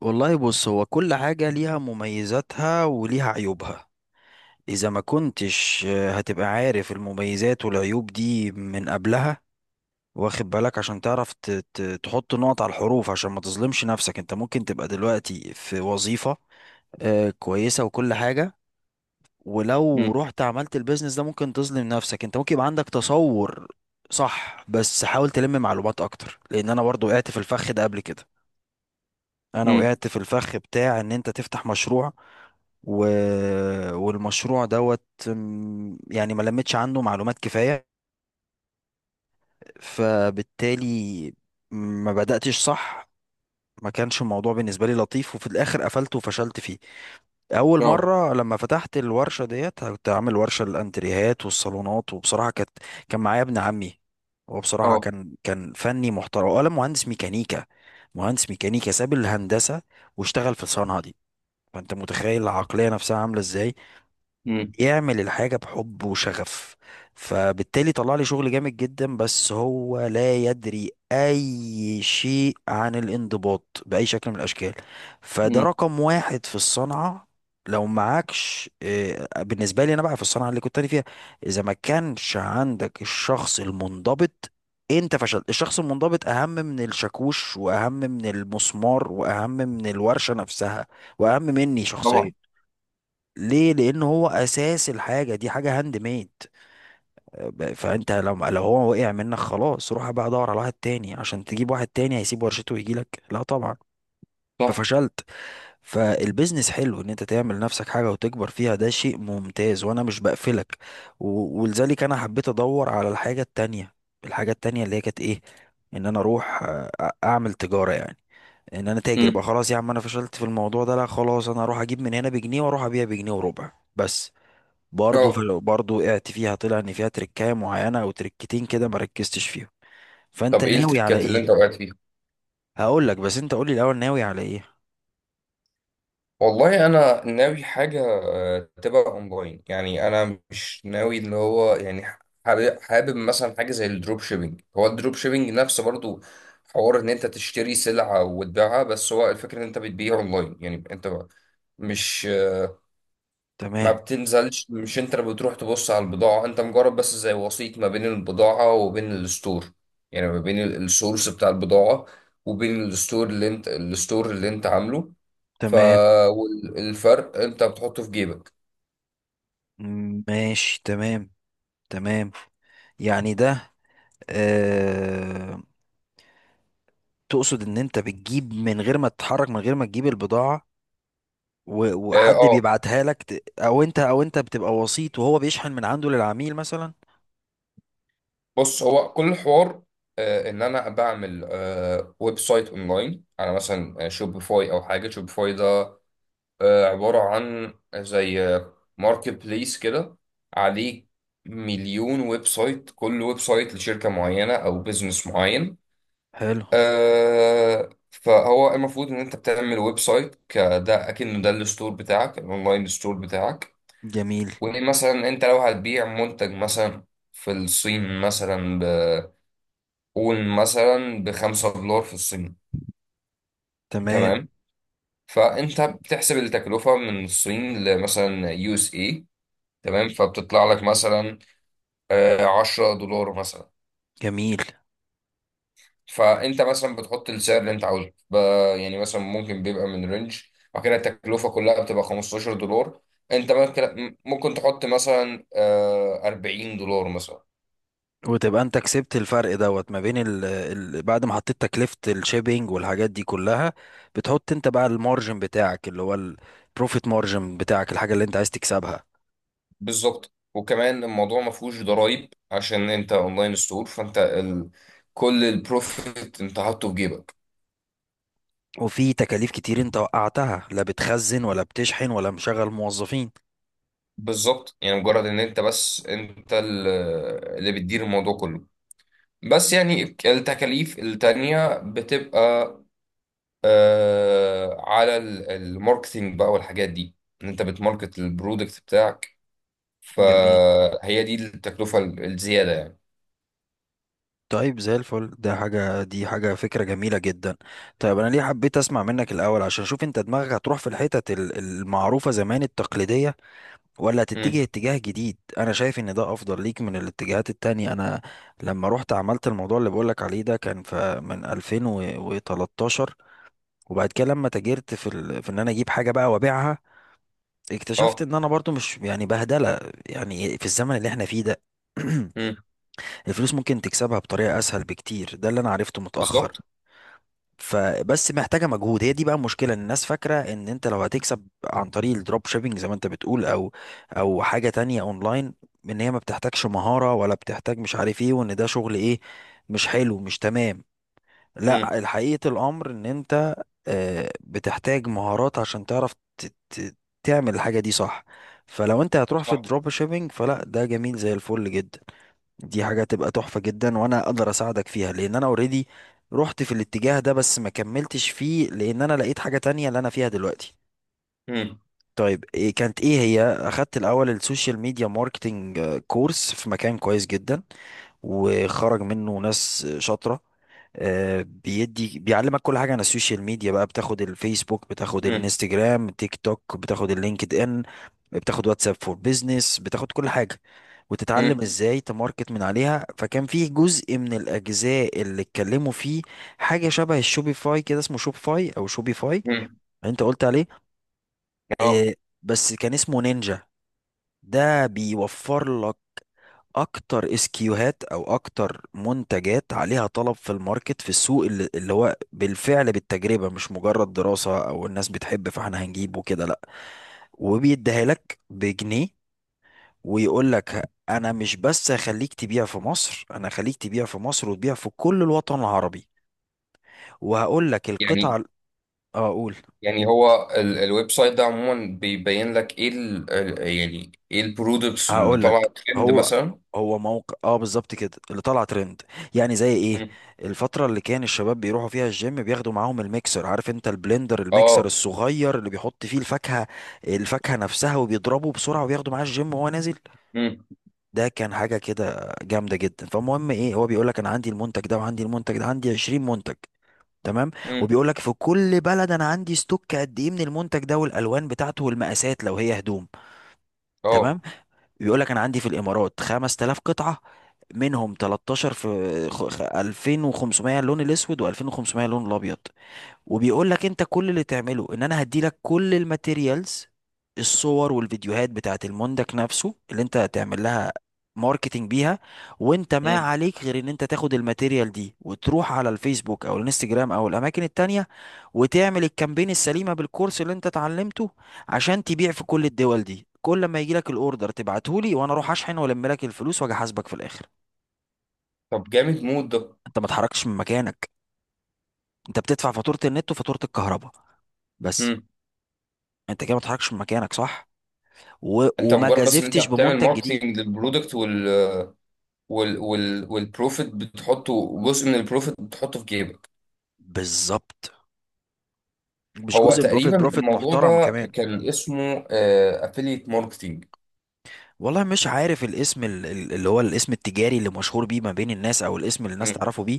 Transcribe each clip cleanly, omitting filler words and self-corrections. والله بص، هو كل حاجة ليها مميزاتها وليها عيوبها. إذا ما كنتش هتبقى عارف المميزات والعيوب دي من قبلها، واخد بالك، عشان تعرف تحط نقط على الحروف، عشان ما تظلمش نفسك. انت ممكن تبقى دلوقتي في وظيفة كويسة وكل حاجة، ولو امم. رحت عملت البيزنس ده ممكن تظلم نفسك. انت ممكن يبقى عندك تصور. صح، بس حاول تلم معلومات اكتر، لان انا برضو وقعت في الفخ ده قبل كده. انا امم. وقعت في الفخ بتاع ان انت تفتح مشروع و... والمشروع دوت. يعني ما لمتش عنده معلومات كفاية، فبالتالي ما بدأتش صح. ما كانش الموضوع بالنسبة لي لطيف، وفي الآخر قفلت وفشلت فيه. أول اه. مرة لما فتحت الورشة ديت، كنت عامل ورشة للأنتريهات والصالونات، وبصراحة كان معايا ابن عمي. هو بصراحة اه. كان فني محترم ولا مهندس ميكانيكا. مهندس ميكانيكا ساب الهندسة واشتغل في الصنعة دي. فانت متخيل العقلية نفسها عاملة ازاي، امم. يعمل الحاجة بحب وشغف. فبالتالي طلع لي شغل جامد جدا، بس هو لا يدري اي شيء عن الانضباط بأي شكل من الاشكال. فده امم. رقم واحد في الصنعة. لو معكش بالنسبة لي انا بقى في الصنعة اللي كنت انا فيها، اذا ما كانش عندك الشخص المنضبط انت فشلت. الشخص المنضبط اهم من الشاكوش، واهم من المسمار، واهم من الورشة نفسها، واهم مني شخصيا. طبعا. ليه؟ لان هو اساس الحاجه دي، حاجه هاند ميد. فانت لو هو وقع منك خلاص، روح بقى دور على واحد تاني. عشان تجيب واحد تاني هيسيب ورشته ويجي لك؟ لا طبعا. صح. ففشلت. فالبيزنس حلو، ان انت تعمل نفسك حاجه وتكبر فيها ده شيء ممتاز، وانا مش بقفلك. ولذلك انا حبيت ادور على الحاجه التانيه. الحاجه التانيه اللي هي كانت ايه؟ ان انا اروح اعمل تجاره يعني، ان انا تاجر بقى. امم. خلاص يا عم، انا فشلت في الموضوع ده، لا خلاص، انا اروح اجيب من هنا بجنيه واروح ابيع بجنيه وربع بس. برضه في اه. برضه وقعت فيها، طلع ان فيها تركايه معينه او تركتين كده ما ركزتش فيهم. فانت طب ايه ناوي على التركات اللي ايه؟ انت وقعت فيها؟ هقول لك، بس انت قول لي الاول، ناوي على ايه؟ والله انا ناوي حاجه تبقى اونلاين، يعني انا مش ناوي اللي هو. يعني حابب حابب مثلا حاجه زي الدروب شيبينج، هو الدروب شيبينج نفسه برضو حوار ان انت تشتري سلعه وتبيعها، بس هو الفكره ان انت بتبيع اونلاين. يعني انت، مش، ما تمام. بتنزلش، مش انت اللي بتروح تبص على البضاعة، انت مجرد بس زي وسيط ما بين البضاعة وبين الستور. يعني ما بين السورس بتاع البضاعة، وبين الستور اللي انت عامله. ف تمام. والفرق انت بتحطه في جيبك. ماشي، تمام. تمام. يعني ده آه... تقصد ان انت بتجيب من غير ما تتحرك، من غير ما تجيب البضاعه، اه. وحد اه. بيبعتها لك، او انت بتبقى وسيط وهو بيشحن من عنده للعميل مثلا؟ بص، هو كل الحوار ان انا بعمل ويب سايت اونلاين على مثلا شوبيفاي او حاجة. شوبيفاي ده عبارة عن زي ماركت بليس كده، عليه مليون ويب سايت، كل ويب سايت لشركة معينة أو بزنس معين. حلو. فهو المفروض إن أنت بتعمل ويب سايت كده أكنه ده الستور بتاعك، الأونلاين ستور بتاعك. جميل. ومثلا أنت لو هتبيع منتج مثلا في الصين، مثلا بقول مثلا ب5 دولار في الصين. تمام. تمام، فأنت بتحسب التكلفة من الصين لمثلا يو اس اي، تمام، فبتطلع لك مثلا 10 دولار مثلا. جميل. فانت مثلا بتحط السعر اللي انت عاوزه يعني مثلا ممكن بيبقى من رينج. بعد كده التكلفه كلها بتبقى 15 دولار، انت ممكن ممكن تحط مثلا 40 دولار مثلا. وتبقى انت كسبت الفرق دوت ما بين ال بعد ما حطيت تكلفة الشيبينج والحاجات دي كلها. بتحط انت بقى المارجن بتاعك، اللي هو البروفيت مارجن بتاعك، الحاجة اللي انت عايز تكسبها. بالظبط. وكمان الموضوع ما فيهوش ضرايب عشان انت اونلاين ستور، فانت كل البروفيت انت حاطه في جيبك. وفي تكاليف كتير انت وقعتها، لا بتخزن ولا بتشحن ولا مشغل موظفين. بالظبط. يعني مجرد ان انت بس اللي بتدير الموضوع كله. بس يعني التكاليف التانية بتبقى على الماركتينج بقى والحاجات دي، ان انت بتماركت البرودكت بتاعك، جميل. فهي دي التكلفة الزيادة يعني. طيب زي الفل ده، حاجة دي، حاجة فكرة جميلة جدا. طيب، أنا ليه حبيت أسمع منك الأول عشان أشوف أنت دماغك هتروح في الحتت المعروفة زمان، التقليدية، ولا تتجه امم. اتجاه جديد. انا شايف ان ده افضل ليك من الاتجاهات التانية. انا لما رحت عملت الموضوع اللي بقولك عليه ده، كان في من 2013، وبعد كده لما تاجرت في في ان انا اجيب حاجة بقى وابيعها، اكتشفت اه. ان انا برضو مش يعني بهدلة. يعني في الزمن اللي احنا فيه ده امم. الفلوس ممكن تكسبها بطريقة اسهل بكتير. ده اللي انا عرفته بالظبط. متأخر. فبس محتاجه مجهود. هي دي بقى المشكله، إن الناس فاكره ان انت لو هتكسب عن طريق الدروب شيبينج زي ما انت بتقول، او حاجه تانية اونلاين، ان هي ما بتحتاجش مهاره، ولا بتحتاج مش عارف ايه، وان ده شغل ايه؟ مش حلو، مش تمام؟ امم. لا، الحقيقه الامر ان انت بتحتاج مهارات عشان تعرف تعمل الحاجه دي صح. فلو انت هتروح في صح. الدروب شيبينج فلا، ده جميل زي الفل جدا. دي حاجة تبقى تحفة جدا، وانا اقدر اساعدك فيها لان انا اوريدي رحت في الاتجاه ده، بس ما كملتش فيه لان انا لقيت حاجة تانية اللي انا فيها دلوقتي. امم. طيب إيه كانت ايه؟ هي اخدت الاول السوشيال ميديا ماركتنج، كورس في مكان كويس جدا وخرج منه ناس شاطرة. بيدي بيعلمك كل حاجة عن السوشيال ميديا بقى. بتاخد الفيسبوك، بتاخد امم. الانستجرام، تيك توك، بتاخد اللينكد ان، بتاخد واتساب فور بيزنس، بتاخد كل حاجة، وتتعلم امم. ازاي تماركت من عليها. فكان فيه جزء من الاجزاء اللي اتكلموا فيه حاجة شبه الشوبيفاي كده، اسمه شوبفاي او شوبيفاي، امم. انت قلت عليه، اه. بس كان اسمه نينجا. ده بيوفر لك اكتر اسكيوهات، او اكتر منتجات عليها طلب في الماركت، في السوق، اللي هو بالفعل بالتجربة، مش مجرد دراسة او الناس بتحب فاحنا هنجيبه كده، لا. وبيديها لك بجنيه. ويقول لك انا مش بس هخليك تبيع في مصر، انا هخليك تبيع في مصر وتبيع في كل الوطن العربي. وهقول لك يعني القطعة اه اقول، يعني هو الويب سايت ده عموما بيبين لك ايه، يعني ايه البرودكتس اللي هقول لك. طالعه ترند هو مثلا. هو موقع اه، بالظبط كده اللي طلع ترند. يعني زي ايه؟ مم. الفتره اللي كان الشباب بيروحوا فيها الجيم بياخدوا معاهم الميكسر، عارف انت البلندر، الميكسر اه. الصغير اللي بيحط فيه الفاكهه، الفاكهه نفسها وبيضربه بسرعه وبياخده معاه الجيم وهو نازل. امم. ده كان حاجه كده جامده جدا. فالمهم ايه، هو بيقول لك انا عندي المنتج ده وعندي المنتج ده، عندي 20 منتج. تمام. امم. وبيقول لك في كل بلد انا عندي ستوك قد ايه من المنتج ده، والالوان بتاعته والمقاسات لو هي هدوم. اه. تمام. بيقول لك انا عندي في الامارات 5000 قطعه، منهم 13 في 2500 اللون الاسود، و2500 اللون الابيض. وبيقول لك انت كل اللي تعمله، ان انا هدي لك كل الماتيريالز، الصور والفيديوهات بتاعت المنتج نفسه اللي انت هتعمل لها ماركتينج بيها. وانت ما مم. عليك غير ان انت تاخد الماتيريال دي وتروح على الفيسبوك او الانستجرام او الاماكن التانية وتعمل الكامبين السليمة بالكورس اللي انت اتعلمته عشان تبيع في كل الدول دي. كل ما يجي لك الاوردر تبعته لي، وانا اروح اشحن والم لك الفلوس واجي احاسبك في الاخر. طب جامد مود ده. انت ما اتحركتش من مكانك. انت بتدفع فاتورة النت وفاتورة الكهرباء، بس. مم. انت كده ما اتحركش من مكانك، صح انت وما مجرد بس ان انت جازفتش بتعمل بمنتج جديد. ماركتنج للبرودكت، والبروفيت بتحطه، جزء من البروفيت بتحطه في جيبك. بالظبط، مش هو جزء من بروفيت، تقريبا بروفيت الموضوع محترم ده كمان. كان اسمه افيليت ماركتنج. والله مش عارف الاسم اللي هو الاسم التجاري اللي مشهور بيه ما بين الناس، او الاسم اللي الناس تعرفه بيه.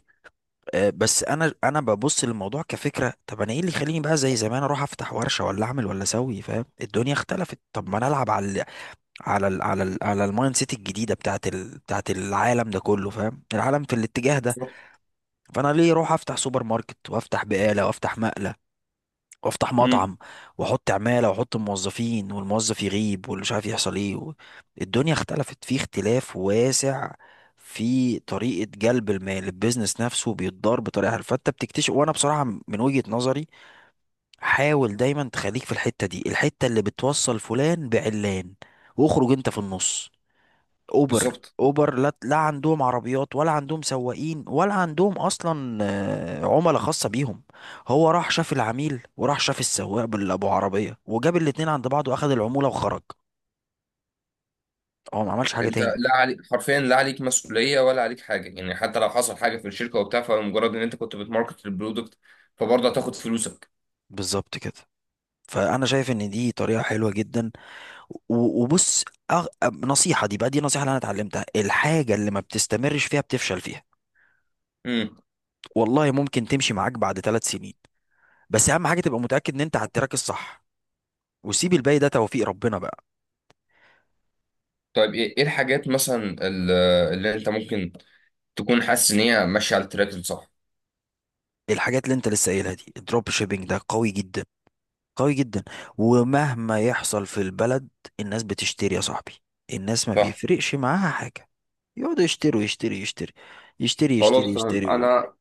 بس انا ببص للموضوع كفكره. طب انا ايه اللي يخليني بقى زي زمان اروح افتح ورشه، ولا اعمل، ولا اسوي؟ فاهم؟ الدنيا اختلفت. طب ما انا العب على ال على ال على ال على المايند سيت الجديده بتاعت العالم ده كله. فاهم؟ العالم في الاتجاه ده. بالظبط. فانا ليه اروح افتح سوبر ماركت، وافتح بقاله، وافتح مقلب، وافتح مم. مطعم، واحط عماله، واحط موظفين، والموظف يغيب واللي مش عارف يحصل ايه الدنيا اختلفت في اختلاف واسع في طريقه جلب المال. البيزنس نفسه بيتضار بطريقه حلوه، فانت بتكتشف. وانا بصراحه من وجهه نظري، حاول دايما تخليك في الحته دي، الحته اللي بتوصل فلان بعلان، واخرج انت في النص. اوبر، بالظبط. اوبر، لا، لا عندهم عربيات، ولا عندهم سواقين، ولا عندهم اصلا عملاء خاصه بيهم. هو راح شاف العميل، وراح شاف السواق، باللي ابو عربيه، وجاب الاتنين عند بعض، واخد العموله وخرج. هو ما عملش حاجه انت تاني. لا عليك حرفيا، لا عليك مسؤوليه ولا عليك حاجه، يعني حتى لو حصل حاجه في الشركه وبتاع، فمجرد ان انت كنت بتماركت البرودكت فبرضه هتاخد فلوسك. بالظبط كده. فانا شايف ان دي طريقه حلوه جدا. وبص، أغ... نصيحه دي بقى، دي نصيحه اللي انا اتعلمتها: الحاجه اللي ما بتستمرش فيها بتفشل فيها. مم. والله ممكن تمشي معاك بعد 3 سنين، بس اهم حاجه تبقى متاكد ان انت على التراك الصح، وسيب الباقي ده توفيق ربنا بقى. طيب، ايه الحاجات مثلا اللي انت ممكن تكون حاسس ان هي ماشيه على التراك الصح؟ الحاجات اللي انت لسه قايلها دي، الدروب شيبينج ده قوي جدا، قوي جدا. ومهما يحصل في البلد الناس بتشتري يا صاحبي. الناس ما صح. بيفرقش معاها حاجة. يقعدوا يشتروا، يشتري يشتري يشتري، يشتري خلاص تمام. يشتري انا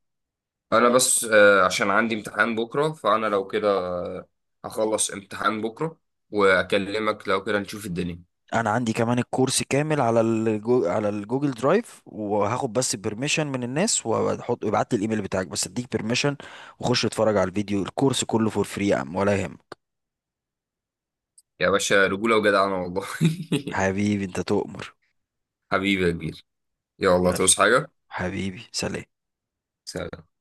انا بس عشان عندي امتحان بكره، فانا لو كده هخلص امتحان بكره واكلمك، لو كده نشوف الدنيا. انا عندي كمان الكورس كامل على على الجوجل درايف. وهاخد بس بيرميشن من الناس وهحط. ابعت لي الايميل بتاعك بس اديك بيرميشن، وخش اتفرج على الفيديو، الكورس كله فور فري يا عم، ولا يهم. يا باشا، رجوله وجدعنه والله. حبيبي انت تؤمر. حبيبي يا كبير. يلا يلا. توس حاجه. حبيبي سلام. سلام.